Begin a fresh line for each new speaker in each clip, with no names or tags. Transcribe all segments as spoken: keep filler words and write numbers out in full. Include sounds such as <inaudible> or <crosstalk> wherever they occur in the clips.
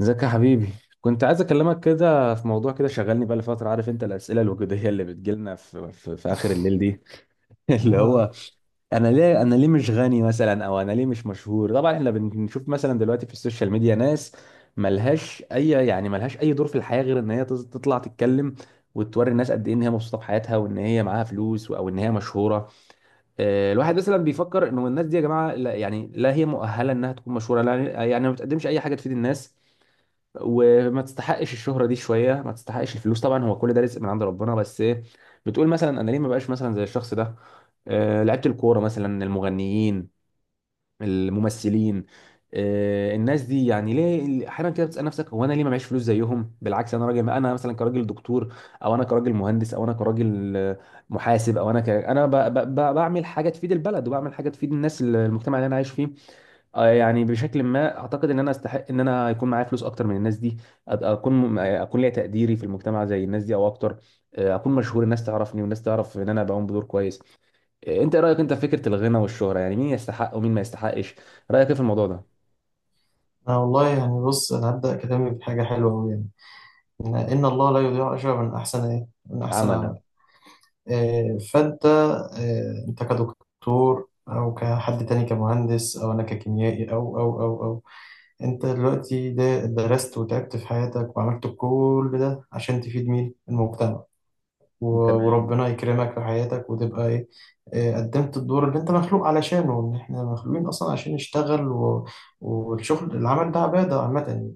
ازيك يا حبيبي. كنت عايز اكلمك كده في موضوع كده شغلني بقى لفتره. عارف انت الاسئله الوجوديه اللي بتجيلنا في, في, في اخر الليل دي. <laughs> اللي
آه،
هو انا ليه انا ليه مش غني مثلا، او انا ليه مش مشهور؟ طبعا احنا بنشوف مثلا دلوقتي في السوشيال ميديا ناس ملهاش اي يعني ملهاش اي دور في الحياه غير ان هي تز- تطلع تتكلم، وتوري الناس قد ايه ان هي مبسوطه بحياتها، وان هي معاها فلوس، او ان هي مشهوره. آه، الواحد مثلا بيفكر انه الناس دي، يا جماعه، لا يعني، لا هي مؤهله انها تكون مشهوره، لا، يعني ما بتقدمش اي حاجه تفيد الناس، وما تستحقش الشهرة دي، شوية ما تستحقش الفلوس. طبعا هو كل ده رزق من عند ربنا، بس ايه، بتقول مثلا انا ليه ما بقاش مثلا زي الشخص ده؟ آه لعيبة الكورة مثلا، المغنيين، الممثلين. آه الناس دي، يعني ليه احيانا كده بتسأل نفسك هو انا ليه ما معيش فلوس زيهم؟ بالعكس، انا راجل، انا مثلا كراجل دكتور، او انا كراجل مهندس، او انا كراجل آه، محاسب، او انا ك... انا ب... ب... ب- بعمل حاجة تفيد البلد، وبعمل حاجة تفيد الناس، المجتمع اللي انا عايش فيه. آه، يعني بشكل ما اعتقد ان انا استحق ان انا يكون معايا فلوس اكتر من الناس دي. أد- اكون م- اكون ليا تقديري في المجتمع زي الناس دي او اكتر. آه، اكون مشهور، الناس تعرفني، والناس تعرف ان انا بقوم بدور كويس. آه، انت إيه رايك انت في فكره الغنى والشهره؟ يعني مين يستحق ومين ما يستحقش؟ رايك ايه في الموضوع ده؟
أنا والله يعني بص، أنا هبدأ كلامي بحاجة حلوة أوي يعني إن إن الله لا يضيع أجر من أحسن إيه؟ من أحسن
عملا.
عمل. آه، فأنت آه، أنت كدكتور أو كحد تاني، كمهندس، أو أنا ككيميائي أو أو أو أو أنت دلوقتي ده درست وتعبت في حياتك وعملت كل ده عشان تفيد مين؟ المجتمع. و-
تمام.
وربنا يكرمك في حياتك وتبقى إيه؟ آه، قدمت الدور اللي أنت مخلوق علشانه، إن إحنا مخلوقين أصلا عشان نشتغل و... والشغل العمل ده عبادة عامة يعني.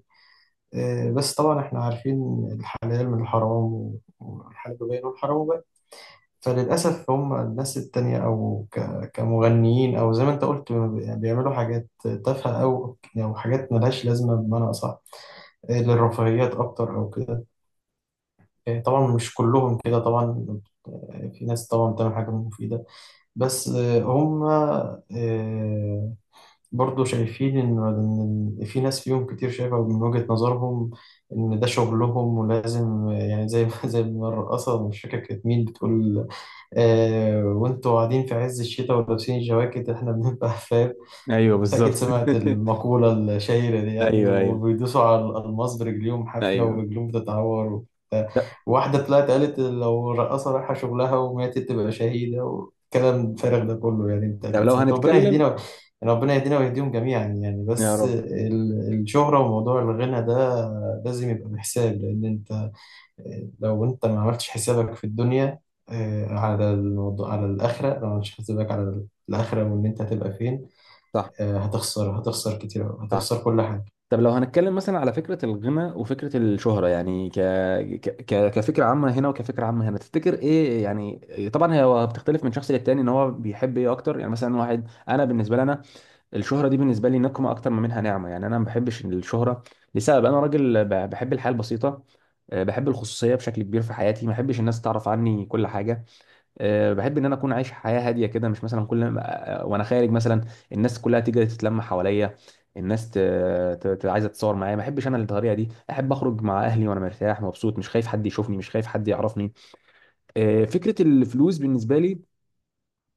آه، بس طبعا احنا عارفين الحلال من الحرام، والحلال باين والحرام باين. فللأسف هم الناس التانية أو ك- كمغنيين، أو زي ما أنت قلت، يعني بيعملوا حاجات تافهة أو أو حاجات ملهاش لازمة، بمعنى أصح آه، للرفاهيات أكتر أو كده. آه، طبعا مش كلهم كده طبعا، آه، في ناس طبعا بتعمل حاجة مفيدة. بس آه، هم آه، برضه شايفين إن إن في ناس فيهم كتير شايفة من وجهة نظرهم إن ده شغلهم ولازم، يعني زي ما <laughs> زي ما الرقاصة، مش فاكر كانت مين بتقول: آه وأنتوا قاعدين في عز الشتاء ولابسين الجواكت، إحنا بنبقى <laughs> فاهم.
ايوه
انت
بالظبط.
اكيد سمعت
<laughs>
المقولة الشهيرة دي يعني،
ايوه، ايوه.
وبيدوسوا على الألماس برجليهم حافية
ايوه.
ورجليهم بتتعور وبتاع.
طب.
واحدة طلعت قالت لو رقاصة رايحة شغلها وماتت تبقى شهيدة، والكلام الفارغ ده كله يعني. انت
طب
اكيد
لو
سمعت. ربنا يهدينا
هنتكلم.
و- يعني ربنا يهدينا ويهديهم جميعا يعني.
يا
بس
رب.
ال- الشهرة وموضوع الغنى ده لازم يبقى بحساب، لأن انت لو انت ما عملتش حسابك في الدنيا، آه، على الموضوع على الآخرة. لو ما عملتش حسابك على الآخرة وإن أنت هتبقى فين،
صح.
آه، هتخسر هتخسر كتير أوي،
صح.
هتخسر كل حاجة.
طب لو هنتكلم مثلا على فكرة الغنى وفكرة الشهرة، يعني ك... ك... ك- كفكرة عامة هنا وكفكرة عامة هنا، تفتكر ايه يعني؟ طبعا هي بتختلف من شخص للتاني، ان هو بيحب ايه اكتر. يعني مثلا واحد، انا بالنسبة لي انا، الشهرة دي بالنسبة لي نقمة اكتر ما منها نعمة. يعني انا ما بحبش الشهرة لسبب انا راجل ب- بحب الحياة البسيطة. أه، بحب الخصوصية بشكل كبير في حياتي، ما بحبش الناس تعرف عني كل حاجة. أه، بحب ان انا اكون عايش حياه هاديه كده، مش مثلا كل ما- آه، وانا خارج مثلا الناس كلها تيجي تتلم حواليا. الناس ت... ت... ت... عايزه تتصور معايا، ما احبش انا الطريقه دي. احب اخرج مع اهلي وانا مرتاح مبسوط، مش خايف حد يشوفني، مش خايف حد يعرفني. أه، فكره الفلوس بالنسبه لي،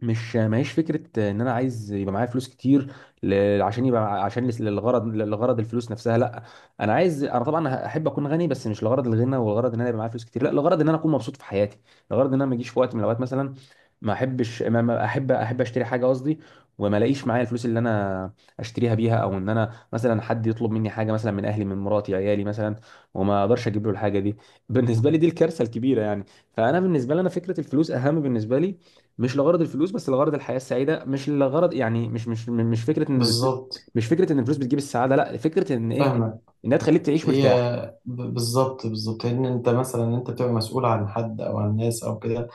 مش ماهيش فكره ان انا عايز يبقى معايا فلوس كتير، ل... عشان يبقى، عشان لس- للغرض للغرض الفلوس نفسها، لا. انا عايز انا طبعا احب اكون غني، بس مش لغرض الغنى والغرض ان انا يبقى معايا فلوس كتير، لا، لغرض ان انا اكون مبسوط في حياتي، لغرض ان انا ما اجيش في وقت من الاوقات مثلا ما احبش، ما ما احب احب اشتري حاجه، قصدي، وما الاقيش معايا الفلوس اللي انا اشتريها بيها. او ان انا مثلا حد يطلب مني حاجه، مثلا من اهلي، من مراتي، عيالي مثلا، وما اقدرش اجيب له الحاجه دي، بالنسبه لي دي الكارثه الكبيره يعني. فانا بالنسبه لي انا، فكره الفلوس اهم بالنسبه لي. مش لغرض الفلوس، بس لغرض الحياه السعيده. مش لغرض يعني، مش مش مش فكره ان الفلوس،
بالظبط،
مش فكره ان الفلوس بتجيب السعاده، لا، فكره ان ايه،
فاهمك.
انها تخليك تعيش
هي
مرتاح.
ب- بالظبط بالظبط، لأن أنت مثلا أنت بتبقى مسؤول عن حد أو عن ناس أو كده،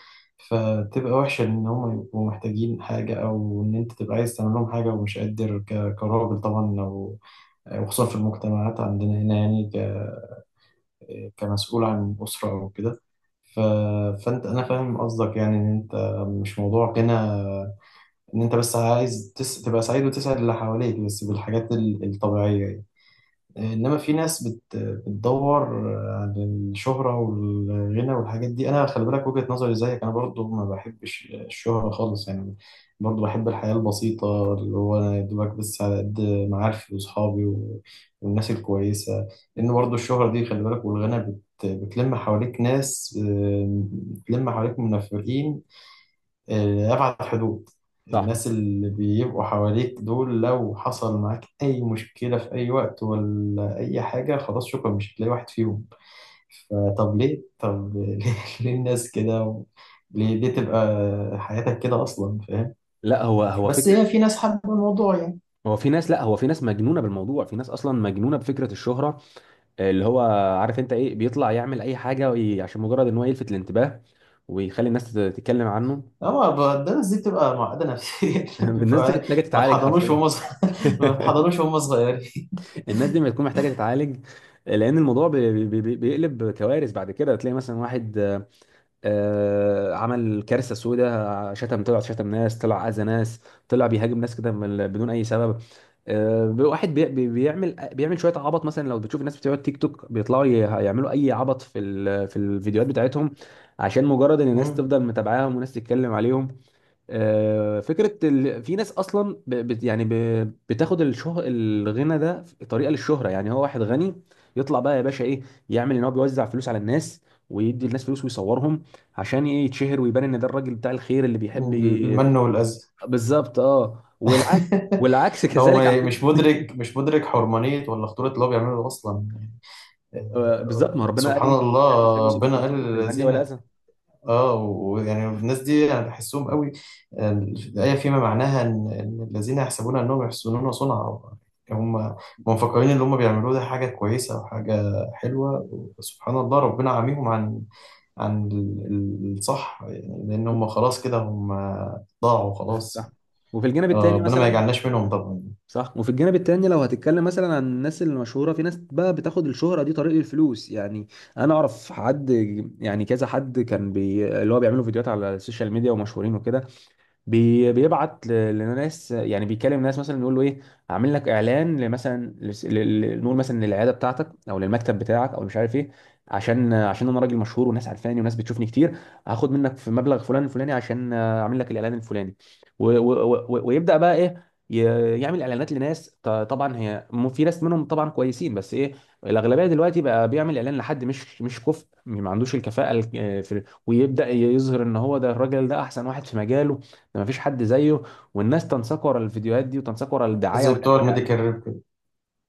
فتبقى وحشة إن هم يبقوا محتاجين حاجة أو إن أنت تبقى عايز تعمل لهم حاجة ومش قادر ك- كراجل طبعا. أو وخصوصا في المجتمعات عندنا هنا، يعني ك- كمسؤول عن أسرة أو كده. ف... فأنت، أنا فاهم قصدك يعني، إن أنت مش موضوع غنى. ان انت بس عايز تس... تبقى سعيد وتسعد اللي حواليك بس بالحاجات ال- الطبيعية يعني. انما في ناس بت... بتدور على الشهرة والغنى والحاجات دي. انا خلي بالك، وجهة نظري زيك، انا برضو ما بحبش الشهرة خالص يعني. برضو بحب الحياة البسيطة، اللي هو انا يا دوبك بس على قد معارفي واصحابي و... والناس الكويسة، لان برضو الشهرة دي خلي بالك، والغنى بت... بتلم حواليك ناس، آه، بتلم حواليك منافقين آه، أبعد حدود.
صح.
الناس اللي بيبقوا حواليك دول، لو حصل معاك أي مشكلة في أي وقت ولا أي حاجة، خلاص شكرا مش هتلاقي واحد فيهم. فطب ليه، طب <laughs> ليه ليه الناس كده و- ليه ليه تبقى حياتك كده أصلا، فاهم؟
لا، هو هو
بس
فكره.
هي في ناس حابة الموضوع يعني.
هو في ناس، لا، هو في ناس مجنونه بالموضوع، في ناس اصلا مجنونه بفكره الشهره. اللي هو، عارف انت ايه، بيطلع يعمل اي حاجه وي- عشان مجرد ان هو يلفت الانتباه ويخلي الناس تت- تتكلم عنه.
أما ب- ده الناس دي بتبقى معقدة نفسيا
<laughs>
<laughs>
الناس دي
بيبقى،
محتاجه
ما
تتعالج
اتحضنوش
حرفيا.
وهم صغ- <laughs> ما
<laughs>
اتحضنوش وهم صغيرين.
الناس دي ما تكون محتاجه تتعالج، لان الموضوع بي- بي- بي- بيقلب كوارث بعد كده. تلاقي مثلا واحد آه، عمل كارثه سوداء، شتم، طلع شتم ناس، طلع اذى ناس، طلع بيهاجم ناس كده، من- بدون اي سبب. آه، واحد بي- بي- بيعمل بيعمل شويه عبط. مثلا لو بتشوف الناس بتوع التيك توك، بيطلعوا ي- يعملوا اي عبط في ال- في الفيديوهات بتاعتهم عشان مجرد ان
<laughs>
الناس
مم.
تفضل متابعاهم وناس تتكلم عليهم. آه، فكرة ال... في ناس أصلا ب... بت... يعني ب... بتاخد الشه... الغنى ده في طريقة للشهرة، يعني هو واحد غني يطلع بقى يا باشا إيه، يعمل إن هو بيوزع فلوس على الناس، ويدي الناس فلوس، ويصورهم عشان إيه؟ يتشهر ويبان إن ده الراجل بتاع الخير اللي بيحب ي-
المن والأذى.
بالظبط. أه، والعكس.
<laughs>
والعكس <laughs>
هو
كذلك، على
ما- مش
فكرة.
مدرك، مش مدرك حرمانية ولا خطورة اللي هو بيعمله أصلا.
آه،
آه،
بالظبط، ما ربنا قال
سبحان
إيه، لا تزهبوا
الله، ربنا قال
صدقاتكم بالمن
للذين...
والأذى.
اه ويعني الناس دي يعني بحسهم قوي. آه، الآية فيما معناها إن إن الذين يحسبون أنهم يحسنون صنعا، هم هم مفكرين اللي هم بيعملوه ده حاجة كويسة وحاجة حلوة. سبحان الله، ربنا عاميهم عن عن ال- الصح يعني، لأن هم خلاص كده هم ضاعوا خلاص.
صح، وفي الجانب
آه،
الثاني
ربنا ما
مثلا،
يجعلناش منهم طبعا.
صح، وفي الجانب التاني، لو هتتكلم مثلا عن الناس المشهوره، في ناس بقى بتاخد الشهره دي طريق الفلوس، يعني انا اعرف حد، يعني كذا حد، كان بي... اللي هو بيعملوا فيديوهات على السوشيال ميديا ومشهورين وكده، بي بيبعت ل- لناس، يعني بيكلم ناس مثلا يقول له ايه، اعمل لك اعلان لمثلا لس- ل- ل- نقول مثلا للعياده بتاعتك او للمكتب بتاعك او مش عارف ايه، عشان عشان انا راجل مشهور وناس عارفاني وناس بتشوفني كتير، هاخد منك في مبلغ فلان الفلاني عشان اعمل لك الاعلان الفلاني، و و و ويبدا بقى ايه، ي- يعمل اعلانات لناس. ط- طبعا هي، م- في ناس منهم طبعا كويسين، بس ايه، الاغلبيه دلوقتي بقى بيعمل اعلان لحد مش مش كفء، ما عندوش الكفاءه ال- في، ويبدا يظهر ان هو ده، الراجل ده احسن واحد في مجاله، ده مفيش حد زيه. والناس تنساق ورا الفيديوهات دي، وتنساق ورا الدعايه
زي
والإع-
بتوع الميديكال
والاعلان.
ريب كده.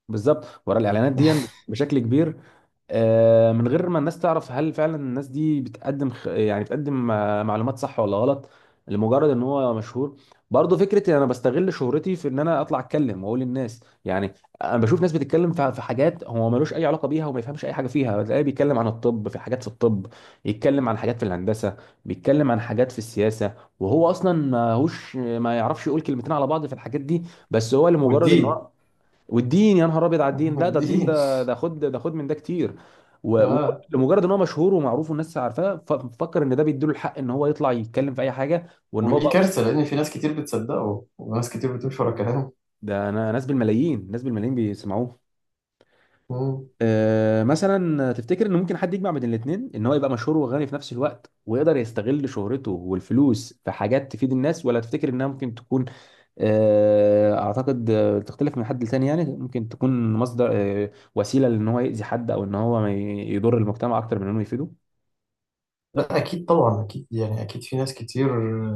بالظبط، ورا الاعلانات دي
<laughs>
بش- بشكل كبير. آه، من غير ما الناس تعرف هل فعلا الناس دي بتقدم خ- يعني بتقدم آه، معلومات صح ولا غلط، لمجرد ان هو مشهور. برضه فكره ان انا بستغل شهرتي في ان انا اطلع اتكلم واقول للناس يعني، انا بشوف ناس بتتكلم في في حاجات هو ملوش اي علاقه بيها، وما يفهمش اي حاجه فيها، تلاقيه بيتكلم عن الطب في حاجات في الطب، يتكلم عن حاجات في الهندسه، بيتكلم عن حاجات في السياسه، وهو اصلا ما هوش، ما يعرفش يقول كلمتين على بعض في الحاجات دي. بس هو لمجرد ان
والدين،
هو، والدين، يا نهار ابيض، على الدين، لا، ده الدين
والدين.
ده، ده خد، ده خد من ده كتير. و- و-
اه
لمجرد ان هو مشهور ومعروف والناس عارفاه، ف- ففكر ان ده بيديله الحق ان هو يطلع يتكلم في اي حاجه، وان هو
ودي
بقى،
كارثه لان في ناس كتير بتصدقه وناس كتير بتمشي ورا كلامه.
ده انا، ناس بالملايين، ناس بالملايين بيسمعوه.
مم.
آه، مثلا تفتكر ان ممكن حد يجمع بين الاثنين، ان هو يبقى مشهور وغني في نفس الوقت، ويقدر يستغل شهرته والفلوس في حاجات تفيد الناس، ولا تفتكر انها ممكن تكون آه، اعتقد آه، تختلف من حد لتاني، يعني ممكن تكون مصدر آه، وسيلة لان هو يأذي حد، او ان هو ما ي- يضر المجتمع اكتر من انه يفيده.
لا اكيد طبعا، اكيد يعني، اكيد في ناس كتير.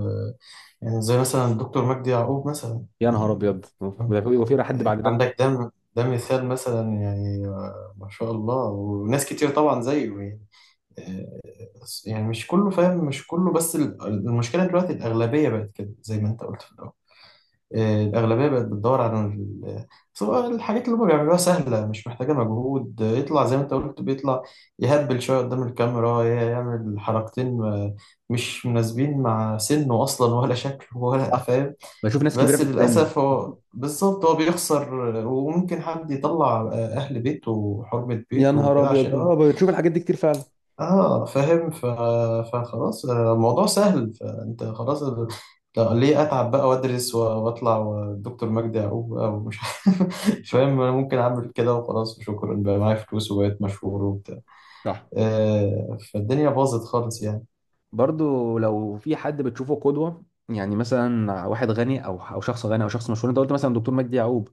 آه، يعني زي مثلا الدكتور مجدي يعقوب مثلا
يا نهار
يعني.
ابيض، ده في وفي حد
آه،
بعد ده؟
عندك ده، ده مثال مثلا يعني، آه، ما شاء الله، وناس كتير طبعا زيه يعني. آه، يعني مش كله فاهم، مش كله، بس ال- المشكله دلوقتي الاغلبيه بقت كده زي ما انت قلت في الأول. آه، الأغلبية بقت بتدور على ال- بس هو الحاجات اللي هما بيعملوها سهلة مش محتاجة مجهود. آه، يطلع زي ما أنت قلت، بيطلع يهبل شوية قدام الكاميرا، ي- يعمل حركتين آه، مش مناسبين مع سنه أصلا ولا شكله ولا
صح.
فاهم.
بشوف ناس كبيرة
بس
في السن.
للأسف هو بالظبط هو بيخسر، آه، وممكن حد يطلع آه، أهل بيته وحرمة
يا
بيته
نهار
وكده
ابيض،
عشان...
اه، بشوف الحاجات دي كتير فعلا.
اه فاهم. ف... فخلاص، آه، الموضوع سهل، فانت خلاص ال- لا، ليه اتعب بقى وادرس و- واطلع والدكتور مجدي يعقوب بقى ومش <laughs> عارف، فاهم. انا ممكن اعمل كده وخلاص وشكرا، بقى معايا فلوس وبقيت مشهور وبتاع.
صح.
آه فالدنيا باظت خالص يعني.
برضو لو في حد بتشوفه قدوة، يعني مثلا واحد غني، او او شخص غني، او شخص مشهور. انت قلت مثلا دكتور مجدي يعقوب،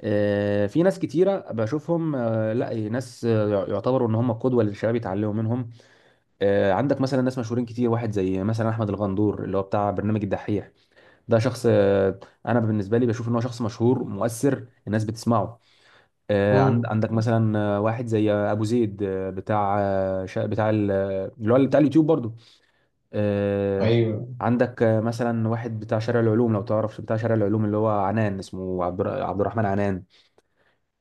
آه، في ناس كتيره بشوفهم، آه، لا ناس آه، يعتبروا ان هم قدوه للشباب يتعلموا منهم. آه، عندك مثلا ناس مشهورين كتير، واحد زي مثلا احمد الغندور اللي هو بتاع برنامج الدحيح، ده شخص، آه، انا بالنسبه لي بشوف ان هو شخص مشهور مؤثر الناس بتسمعه. آه، عند-
مم.
عندك مثلا، آه، واحد زي ابو زيد، آه، بتاع آه، شا- بتاع ال- اللي هو بتاع اليوتيوب برضو. آه،
ايوه.
عندك آه، مثلا واحد بتاع شارع العلوم، لو تعرف بتاع شارع العلوم، اللي هو عنان، اسمه عبد الر- عبد الرحمن عنان.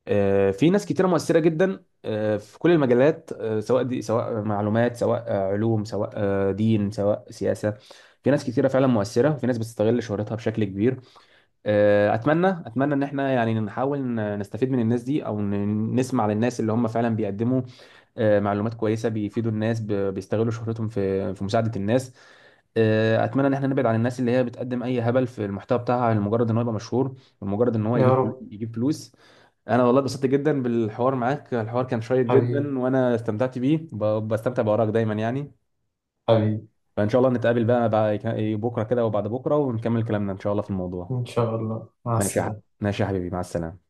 آه، في ناس كتيرة مؤثرة جدا آه، في كل المجالات، آه، سواء دي، سواء معلومات، سواء آه، علوم، سواء آه، دين، سواء سياسة. في ناس كتيرة فعلا مؤثرة، وفي ناس بتستغل شهرتها بشكل كبير. آه، أتمنى، أتمنى إن احنا يعني نحاول ن- نستفيد من الناس دي، أو ن- نسمع للناس اللي هم فعلا بيقدموا آه، معلومات كويسه بيفيدوا الناس، ب- بيستغلوا شهرتهم في في مساعده الناس. آه، اتمنى ان احنا نبعد عن الناس اللي هي بتقدم اي هبل في المحتوى بتاعها، لمجرد ان هو يبقى مشهور، ولمجرد ان هو
يا
يجيب فلو-
رب.
يجيب فلوس. انا والله اتبسطت جدا بالحوار معاك، الحوار كان شيق
حبيبي،
جدا، وانا استمتعت بيه، ب- بستمتع بارائك دايما يعني.
حبيبي.
فان شاء الله نتقابل بقى بعد بكره كده وبعد بكره، ونكمل كلامنا ان شاء الله في الموضوع.
ان شاء الله، مع
ماشي يا ح-
السلامه.
ماشي يا حبيبي، مع السلامه.